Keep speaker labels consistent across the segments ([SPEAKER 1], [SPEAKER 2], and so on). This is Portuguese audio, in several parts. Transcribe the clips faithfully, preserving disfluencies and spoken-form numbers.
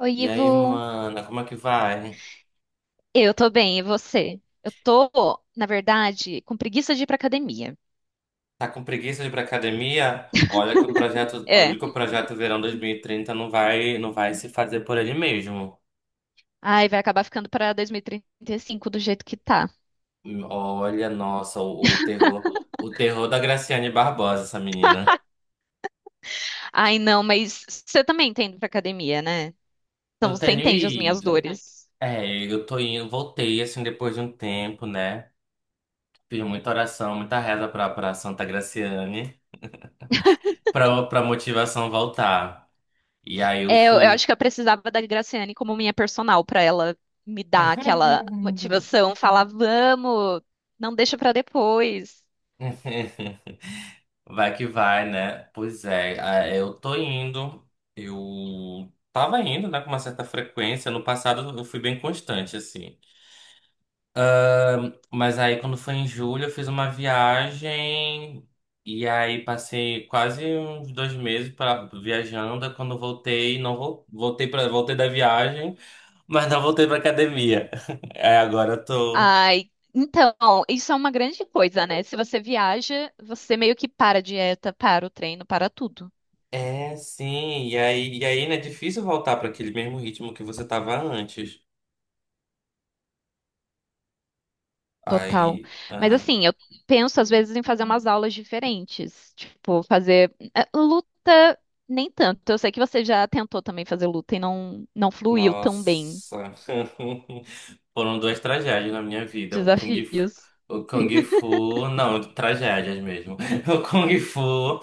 [SPEAKER 1] Oi,
[SPEAKER 2] E aí,
[SPEAKER 1] Ivo.
[SPEAKER 2] mana, como é que vai?
[SPEAKER 1] Eu tô bem, e você? Eu tô, na verdade, com preguiça de ir pra academia.
[SPEAKER 2] Tá com preguiça de ir pra academia? Olha que o projeto,
[SPEAKER 1] É.
[SPEAKER 2] olha que o projeto Verão dois mil e trinta não vai, não vai se fazer por ele mesmo.
[SPEAKER 1] Ai, vai acabar ficando pra dois mil e trinta e cinco do jeito que tá.
[SPEAKER 2] Olha, nossa, o, o terror, o terror da Graciane Barbosa, essa menina.
[SPEAKER 1] Ai, não, mas você também tá indo pra academia, né? Então
[SPEAKER 2] Eu
[SPEAKER 1] você
[SPEAKER 2] tenho
[SPEAKER 1] entende as minhas
[SPEAKER 2] ido.
[SPEAKER 1] dores.
[SPEAKER 2] É, eu tô indo, voltei assim depois de um tempo, né? Fiz muita oração, muita reza pra, pra Santa Graciane, pra, pra motivação voltar. E aí eu
[SPEAKER 1] É, eu, eu acho
[SPEAKER 2] fui.
[SPEAKER 1] que eu precisava da Graciane como minha personal pra ela me dar aquela motivação, falar, vamos, não deixa pra depois.
[SPEAKER 2] Vai que vai, né? Pois é, ah, eu tô indo. Eu tava indo, né, com uma certa frequência. No passado eu fui bem constante, assim. Mas aí quando foi em julho eu fiz uma viagem e aí passei quase uns dois meses pra, viajando. Aí quando voltei, não vol- voltei para voltei da viagem, mas não voltei pra academia. É, agora eu tô.
[SPEAKER 1] Ai, então, isso é uma grande coisa, né? Se você viaja, você meio que para a dieta, para o treino, para tudo.
[SPEAKER 2] É, sim. E aí, e aí, né, é difícil voltar para aquele mesmo ritmo que você tava antes.
[SPEAKER 1] Total.
[SPEAKER 2] Aí,
[SPEAKER 1] Mas
[SPEAKER 2] aham.
[SPEAKER 1] assim, eu penso às vezes em fazer umas aulas diferentes. Tipo, fazer eh, luta, nem tanto. Eu sei que você já tentou também fazer luta e não, não fluiu tão bem.
[SPEAKER 2] Nossa. Foram duas tragédias na minha vida. O Kung Fu,
[SPEAKER 1] Desafios.
[SPEAKER 2] o Kung Fu, não, tragédias mesmo. O Kung Fu,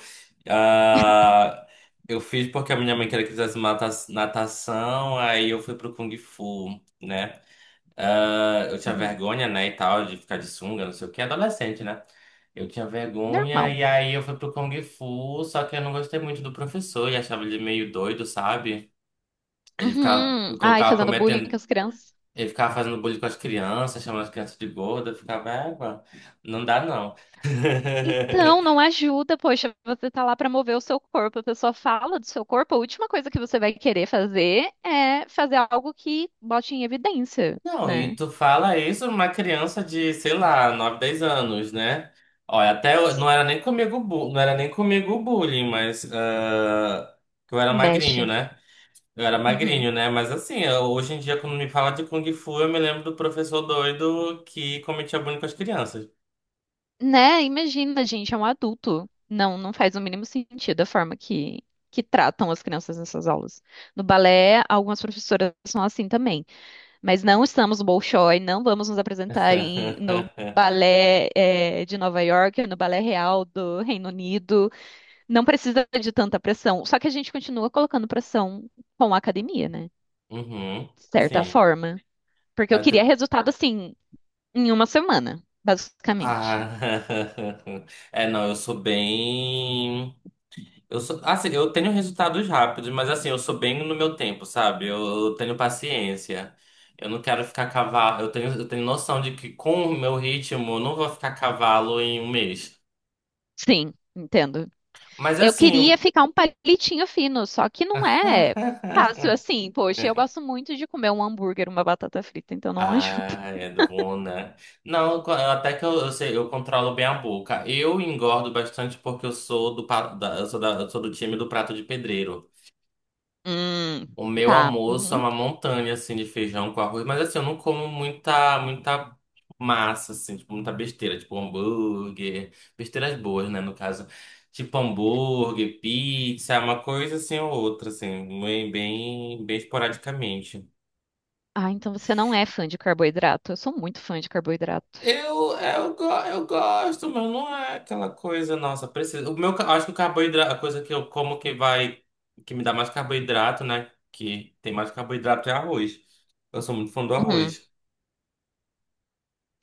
[SPEAKER 2] ah, eu fiz porque a minha mãe queria que eu fizesse mata- natação, aí eu fui pro Kung Fu, né? Ah, eu tinha
[SPEAKER 1] Uhum.
[SPEAKER 2] vergonha, né, e tal, de ficar de sunga, não sei o que, adolescente, né? Eu tinha vergonha
[SPEAKER 1] Normal.
[SPEAKER 2] e aí eu fui pro Kung Fu, só que eu não gostei muito do professor e achava ele meio doido, sabe? Ele ficava,
[SPEAKER 1] Uhum.
[SPEAKER 2] ele
[SPEAKER 1] Ai,
[SPEAKER 2] colocava
[SPEAKER 1] fazendo bullying
[SPEAKER 2] cometendo,
[SPEAKER 1] com as crianças.
[SPEAKER 2] ele ficava fazendo bullying com as crianças, chamando as crianças de gorda, eu ficava, égua, não dá não.
[SPEAKER 1] Então, não ajuda, poxa, você tá lá pra mover o seu corpo, a pessoa fala do seu corpo, a última coisa que você vai querer fazer é fazer algo que bote em evidência,
[SPEAKER 2] Não, e
[SPEAKER 1] né?
[SPEAKER 2] tu fala isso uma criança de, sei lá, nove dez anos, né? Olha, até eu- não era nem comigo, bu- não era nem comigo o bullying, mas ah, que eu era magrinho,
[SPEAKER 1] Mexe.
[SPEAKER 2] né? Eu era
[SPEAKER 1] Uhum.
[SPEAKER 2] magrinho, né? Mas assim, eu- hoje em dia, quando me fala de Kung Fu, eu me lembro do professor doido que cometia bullying com as crianças.
[SPEAKER 1] Né? Imagina, gente, é um adulto. Não, não faz o mínimo sentido a forma que, que tratam as crianças nessas aulas. No balé, algumas professoras são assim também. Mas não estamos no Bolshoi, não vamos nos apresentar em, no balé, eh, de Nova York, no balé real do Reino Unido. Não precisa de tanta pressão. Só que a gente continua colocando pressão com a academia, né?
[SPEAKER 2] Uhum,
[SPEAKER 1] De certa É.
[SPEAKER 2] sim.
[SPEAKER 1] forma. Porque eu queria resultado assim, em uma semana, basicamente.
[SPEAKER 2] Ah, é, não, eu sou bem. Eu sou, assim, eu tenho resultados rápidos, mas assim, eu sou bem no meu tempo, sabe? Eu, eu tenho paciência. Eu não quero ficar cavalo. Eu tenho, eu tenho noção de que com o meu ritmo, eu não vou ficar cavalo em um mês.
[SPEAKER 1] Sim, entendo.
[SPEAKER 2] Mas
[SPEAKER 1] Eu queria
[SPEAKER 2] assim.
[SPEAKER 1] ficar um palitinho fino, só que não é fácil assim. Poxa, eu gosto muito de comer um hambúrguer, uma batata frita, então não ajuda.
[SPEAKER 2] Ah, é bom, né? Não, co- até que eu, eu sei, eu controlo bem a boca. Eu engordo bastante porque eu sou do, pa- da- eu sou da- eu sou do time do prato de pedreiro.
[SPEAKER 1] Hum,
[SPEAKER 2] O meu
[SPEAKER 1] tá.
[SPEAKER 2] almoço é
[SPEAKER 1] Uhum.
[SPEAKER 2] uma montanha, assim, de feijão com arroz. Mas, assim, eu não como muita, muita massa, assim. Tipo, muita besteira. Tipo, hambúrguer. Besteiras boas, né, no caso. Tipo, hambúrguer, pizza. Uma coisa, assim, ou outra, assim. Bem, bem, bem esporadicamente.
[SPEAKER 1] Ah, então você não é fã de carboidrato. Eu sou muito fã de carboidrato.
[SPEAKER 2] Eu, eu, go- eu gosto, mas não é aquela coisa, nossa, precisa. O meu, ca- acho que o carboidrato, a coisa que eu como que vai, que me dá mais carboidrato, né? Que tem mais carboidrato é arroz. Eu sou muito fã do
[SPEAKER 1] Uhum.
[SPEAKER 2] arroz.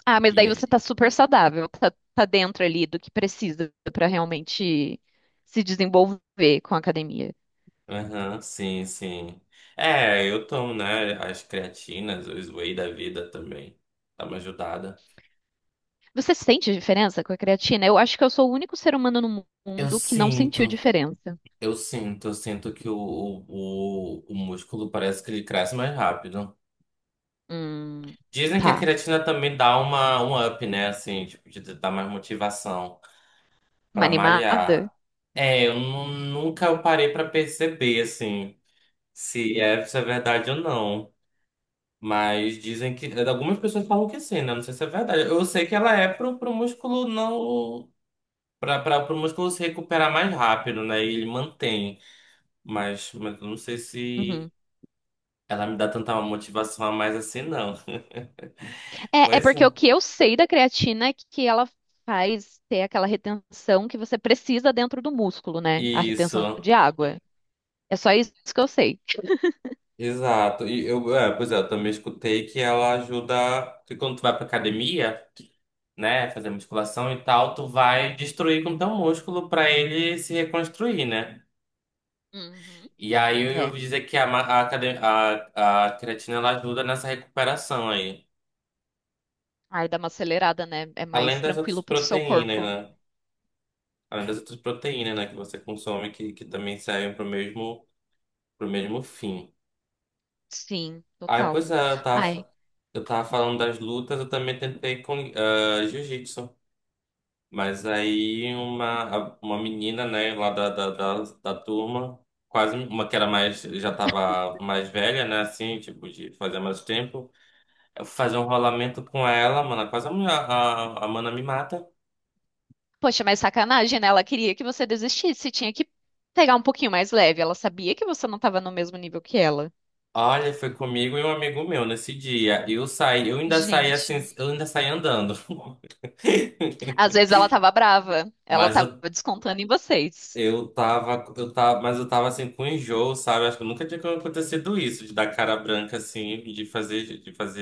[SPEAKER 1] Ah, mas
[SPEAKER 2] E
[SPEAKER 1] daí
[SPEAKER 2] aí?
[SPEAKER 1] você tá super saudável, tá, tá dentro ali do que precisa pra realmente se desenvolver com a academia.
[SPEAKER 2] Aham, sim, sim. É, eu tomo, né, as creatinas, os whey da vida também. Dá uma ajudada.
[SPEAKER 1] Você sente diferença com a creatina? Eu acho que eu sou o único ser humano no
[SPEAKER 2] Eu
[SPEAKER 1] mundo que não sentiu
[SPEAKER 2] sinto,
[SPEAKER 1] diferença.
[SPEAKER 2] eu sinto, eu sinto que o, o, o, o músculo parece que ele cresce mais rápido.
[SPEAKER 1] Hum,
[SPEAKER 2] Dizem que a
[SPEAKER 1] tá.
[SPEAKER 2] creatina também dá uma, um up, né, assim, tipo, de dar mais motivação
[SPEAKER 1] Uma
[SPEAKER 2] pra
[SPEAKER 1] animada?
[SPEAKER 2] malhar. É, eu nu- nunca parei pra perceber, assim, se é, se é verdade ou não. Mas dizem que. é, Algumas pessoas falam que sim, né? Não sei se é verdade. Eu sei que ela é pro, pro músculo não. Pra, pra, pro músculo se recuperar mais rápido, né? E ele mantém. Mas, mas eu não sei se
[SPEAKER 1] Uhum.
[SPEAKER 2] ela me dá tanta motivação a mais assim, não.
[SPEAKER 1] É, é
[SPEAKER 2] Pois é.
[SPEAKER 1] porque o que eu sei da creatina é que ela faz ter aquela retenção que você precisa dentro do músculo, né? A retenção
[SPEAKER 2] Isso.
[SPEAKER 1] de água. É só isso que eu sei.
[SPEAKER 2] Exato. E eu, é, pois é, eu também escutei que ela ajuda. Que quando tu vai pra academia, né? Fazer musculação e tal, tu vai destruir com teu músculo pra ele se reconstruir, né?
[SPEAKER 1] Uhum.
[SPEAKER 2] E aí eu
[SPEAKER 1] É.
[SPEAKER 2] ouvi dizer que a, ma- a, cre- a, a creatina ela ajuda nessa recuperação aí.
[SPEAKER 1] Ai, dá uma acelerada, né? É
[SPEAKER 2] Além
[SPEAKER 1] mais
[SPEAKER 2] das outras
[SPEAKER 1] tranquilo pro seu
[SPEAKER 2] proteínas,
[SPEAKER 1] corpo.
[SPEAKER 2] né? Além das outras proteínas, né, que você consome, que, que também servem pro mesmo, pro mesmo, fim.
[SPEAKER 1] Sim,
[SPEAKER 2] Aí,
[SPEAKER 1] total.
[SPEAKER 2] pois é, eu tava,
[SPEAKER 1] Ai,
[SPEAKER 2] fa- eu tava falando das lutas, eu também tentei com ah, jiu-jitsu. Mas aí uma, a- uma menina, né, lá da, da, da, da turma, quase uma que era mais, já tava mais velha, né, assim, tipo, de fazer mais tempo. Fazer um rolamento com ela, mano. É quase a, mulher- a, a mana me mata.
[SPEAKER 1] poxa, mas sacanagem, né? Ela queria que você desistisse, tinha que pegar um pouquinho mais leve. Ela sabia que você não estava no mesmo nível que ela.
[SPEAKER 2] Olha, foi comigo e um amigo meu nesse dia. Eu saí, eu ainda saí assim,
[SPEAKER 1] Gente,
[SPEAKER 2] eu ainda saí andando.
[SPEAKER 1] às vezes ela tava brava, ela
[SPEAKER 2] Mas
[SPEAKER 1] tava
[SPEAKER 2] eu,
[SPEAKER 1] descontando em vocês.
[SPEAKER 2] eu tava, eu tava, mas eu tava assim com enjoo, sabe? Acho que nunca tinha acontecido isso, de dar cara branca assim, de fazer, de fazer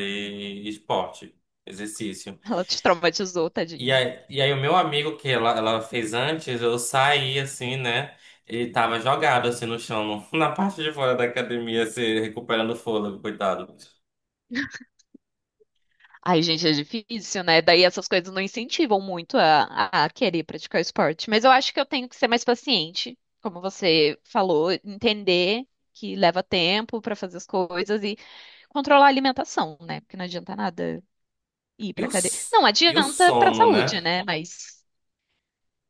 [SPEAKER 2] esporte, exercício.
[SPEAKER 1] Ela te traumatizou,
[SPEAKER 2] E
[SPEAKER 1] tadinho.
[SPEAKER 2] aí, e aí o meu amigo que ela, ela fez antes, eu saí assim, né? Ele tava jogado assim no chão, no- na parte de fora da academia, se recuperando o fôlego, coitado.
[SPEAKER 1] Ai, gente, é difícil, né? Daí essas coisas não incentivam muito a, a a querer praticar esporte. Mas eu acho que eu tenho que ser mais paciente, como você falou, entender que leva tempo pra fazer as coisas e controlar a alimentação, né? Porque não adianta nada ir
[SPEAKER 2] E
[SPEAKER 1] pra
[SPEAKER 2] o,
[SPEAKER 1] cadeia.
[SPEAKER 2] s-
[SPEAKER 1] Não
[SPEAKER 2] e o
[SPEAKER 1] adianta pra
[SPEAKER 2] sono,
[SPEAKER 1] saúde,
[SPEAKER 2] né?
[SPEAKER 1] né? Mas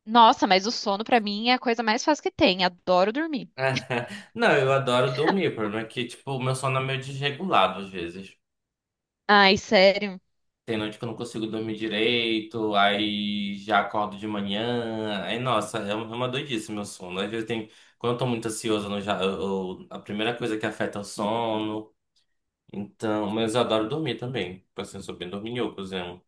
[SPEAKER 1] nossa, mas o sono pra mim é a coisa mais fácil que tem. Adoro dormir.
[SPEAKER 2] Não, eu adoro dormir, o problema é que, tipo, o meu sono é meio desregulado às vezes.
[SPEAKER 1] Ai, sério.
[SPEAKER 2] Tem noite que eu não consigo dormir direito, aí já acordo de manhã. Aí, nossa, é uma é uma doidice meu sono. Às vezes tem. Quando eu tô muito ansioso, eu não já, eu- eu- a primeira coisa que afeta é o sono. Então, mas eu adoro dormir também. Tipo assim, eu sou bem dorminhocozinho.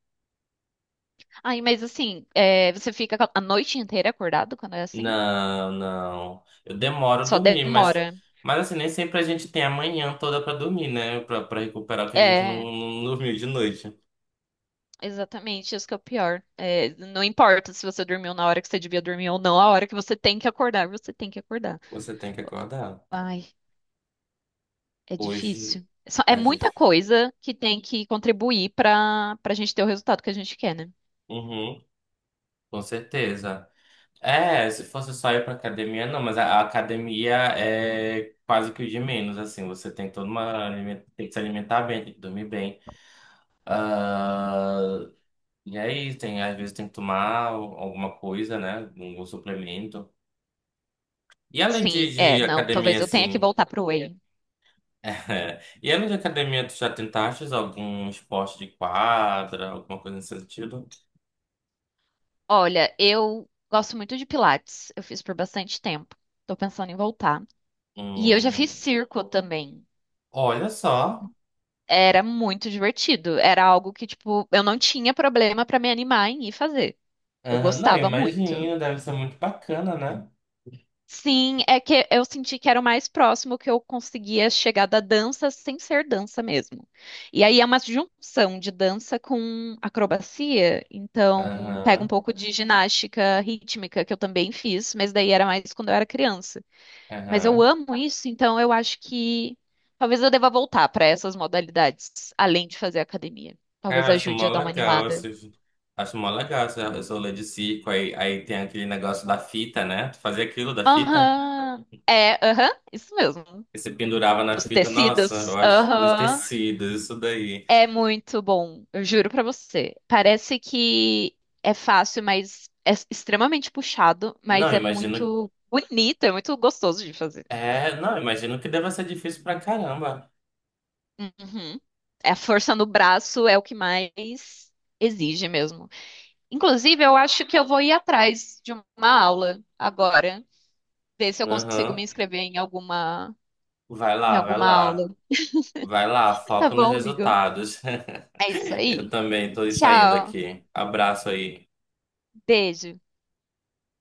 [SPEAKER 1] Ai, mas assim, é, você fica a noite inteira acordado quando é assim?
[SPEAKER 2] Não, não. Eu demoro a
[SPEAKER 1] Só
[SPEAKER 2] dormir, mas,
[SPEAKER 1] demora.
[SPEAKER 2] mas assim, nem sempre a gente tem a manhã toda pra dormir, né? Pra, pra recuperar o que a gente não,
[SPEAKER 1] É.
[SPEAKER 2] não dormiu de noite.
[SPEAKER 1] Exatamente, isso que é o pior. É, não importa se você dormiu na hora que você devia dormir ou não, a hora que você tem que acordar, você tem que acordar.
[SPEAKER 2] Você tem que acordar.
[SPEAKER 1] Ai, é
[SPEAKER 2] Hoje
[SPEAKER 1] difícil. É só- é
[SPEAKER 2] é
[SPEAKER 1] muita
[SPEAKER 2] difícil.
[SPEAKER 1] coisa que tem que contribuir para para a gente ter o resultado que a gente quer, né?
[SPEAKER 2] Uhum, com certeza. É, se fosse só ir pra academia, não, mas a, a academia é quase que o de menos, assim. Você tem toda uma. aliment- Tem que se alimentar bem, tem que dormir bem. E aí, tem, às vezes tem que tomar al- alguma coisa, né? Um suplemento. E além de,
[SPEAKER 1] Sim, é,
[SPEAKER 2] de
[SPEAKER 1] não,
[SPEAKER 2] academia,
[SPEAKER 1] talvez eu tenha que
[SPEAKER 2] assim.
[SPEAKER 1] voltar pro Whey.
[SPEAKER 2] E além de academia, tu já tentaste algum esporte de quadra, alguma coisa nesse sentido?
[SPEAKER 1] Olha, eu gosto muito de Pilates, eu fiz por bastante tempo. Tô pensando em voltar. E eu já
[SPEAKER 2] Hum,
[SPEAKER 1] fiz circo também.
[SPEAKER 2] olha só.
[SPEAKER 1] Era muito divertido, era algo que, tipo, eu não tinha problema para me animar em ir fazer. Eu
[SPEAKER 2] Aham, não, eu
[SPEAKER 1] gostava muito.
[SPEAKER 2] imagino, deve ser muito bacana, né?
[SPEAKER 1] Sim, é que eu senti que era o mais próximo que eu conseguia chegar da dança sem ser dança mesmo. E aí é uma junção de dança com acrobacia, então pega
[SPEAKER 2] Aham,
[SPEAKER 1] um pouco de ginástica rítmica que eu também fiz, mas daí era mais quando eu era criança. Mas eu
[SPEAKER 2] aham.
[SPEAKER 1] amo isso, então eu acho que talvez eu deva voltar para essas modalidades, além de fazer academia. Talvez
[SPEAKER 2] Cara, acho
[SPEAKER 1] ajude
[SPEAKER 2] mó
[SPEAKER 1] a dar uma
[SPEAKER 2] legal
[SPEAKER 1] animada.
[SPEAKER 2] esse Acho mó legal esse esse rolê de circo. Aí, aí tem aquele negócio da fita, né? Tu fazia aquilo da fita?
[SPEAKER 1] Aham. É, aham, isso mesmo.
[SPEAKER 2] E você pendurava na
[SPEAKER 1] Dos
[SPEAKER 2] fita, nossa, eu
[SPEAKER 1] tecidos.
[SPEAKER 2] acho os
[SPEAKER 1] Aham.
[SPEAKER 2] tecidos, isso daí.
[SPEAKER 1] É muito bom, eu juro pra você. Parece que é fácil, mas é extremamente puxado,
[SPEAKER 2] Não,
[SPEAKER 1] mas é
[SPEAKER 2] imagino.
[SPEAKER 1] muito bonito, é muito gostoso de fazer.
[SPEAKER 2] É, não, imagino que deva ser difícil pra caramba.
[SPEAKER 1] Uhum. A força no braço é o que mais exige mesmo. Inclusive, eu acho que eu vou ir atrás de uma aula agora, ver se eu consigo me
[SPEAKER 2] Aham.
[SPEAKER 1] inscrever em alguma
[SPEAKER 2] Vai
[SPEAKER 1] em
[SPEAKER 2] lá, vai
[SPEAKER 1] alguma aula.
[SPEAKER 2] lá. Vai lá,
[SPEAKER 1] Tá
[SPEAKER 2] foco nos
[SPEAKER 1] bom, amigo?
[SPEAKER 2] resultados.
[SPEAKER 1] É isso
[SPEAKER 2] Eu
[SPEAKER 1] aí.
[SPEAKER 2] também tô saindo
[SPEAKER 1] Tchau,
[SPEAKER 2] aqui. Abraço aí.
[SPEAKER 1] beijo.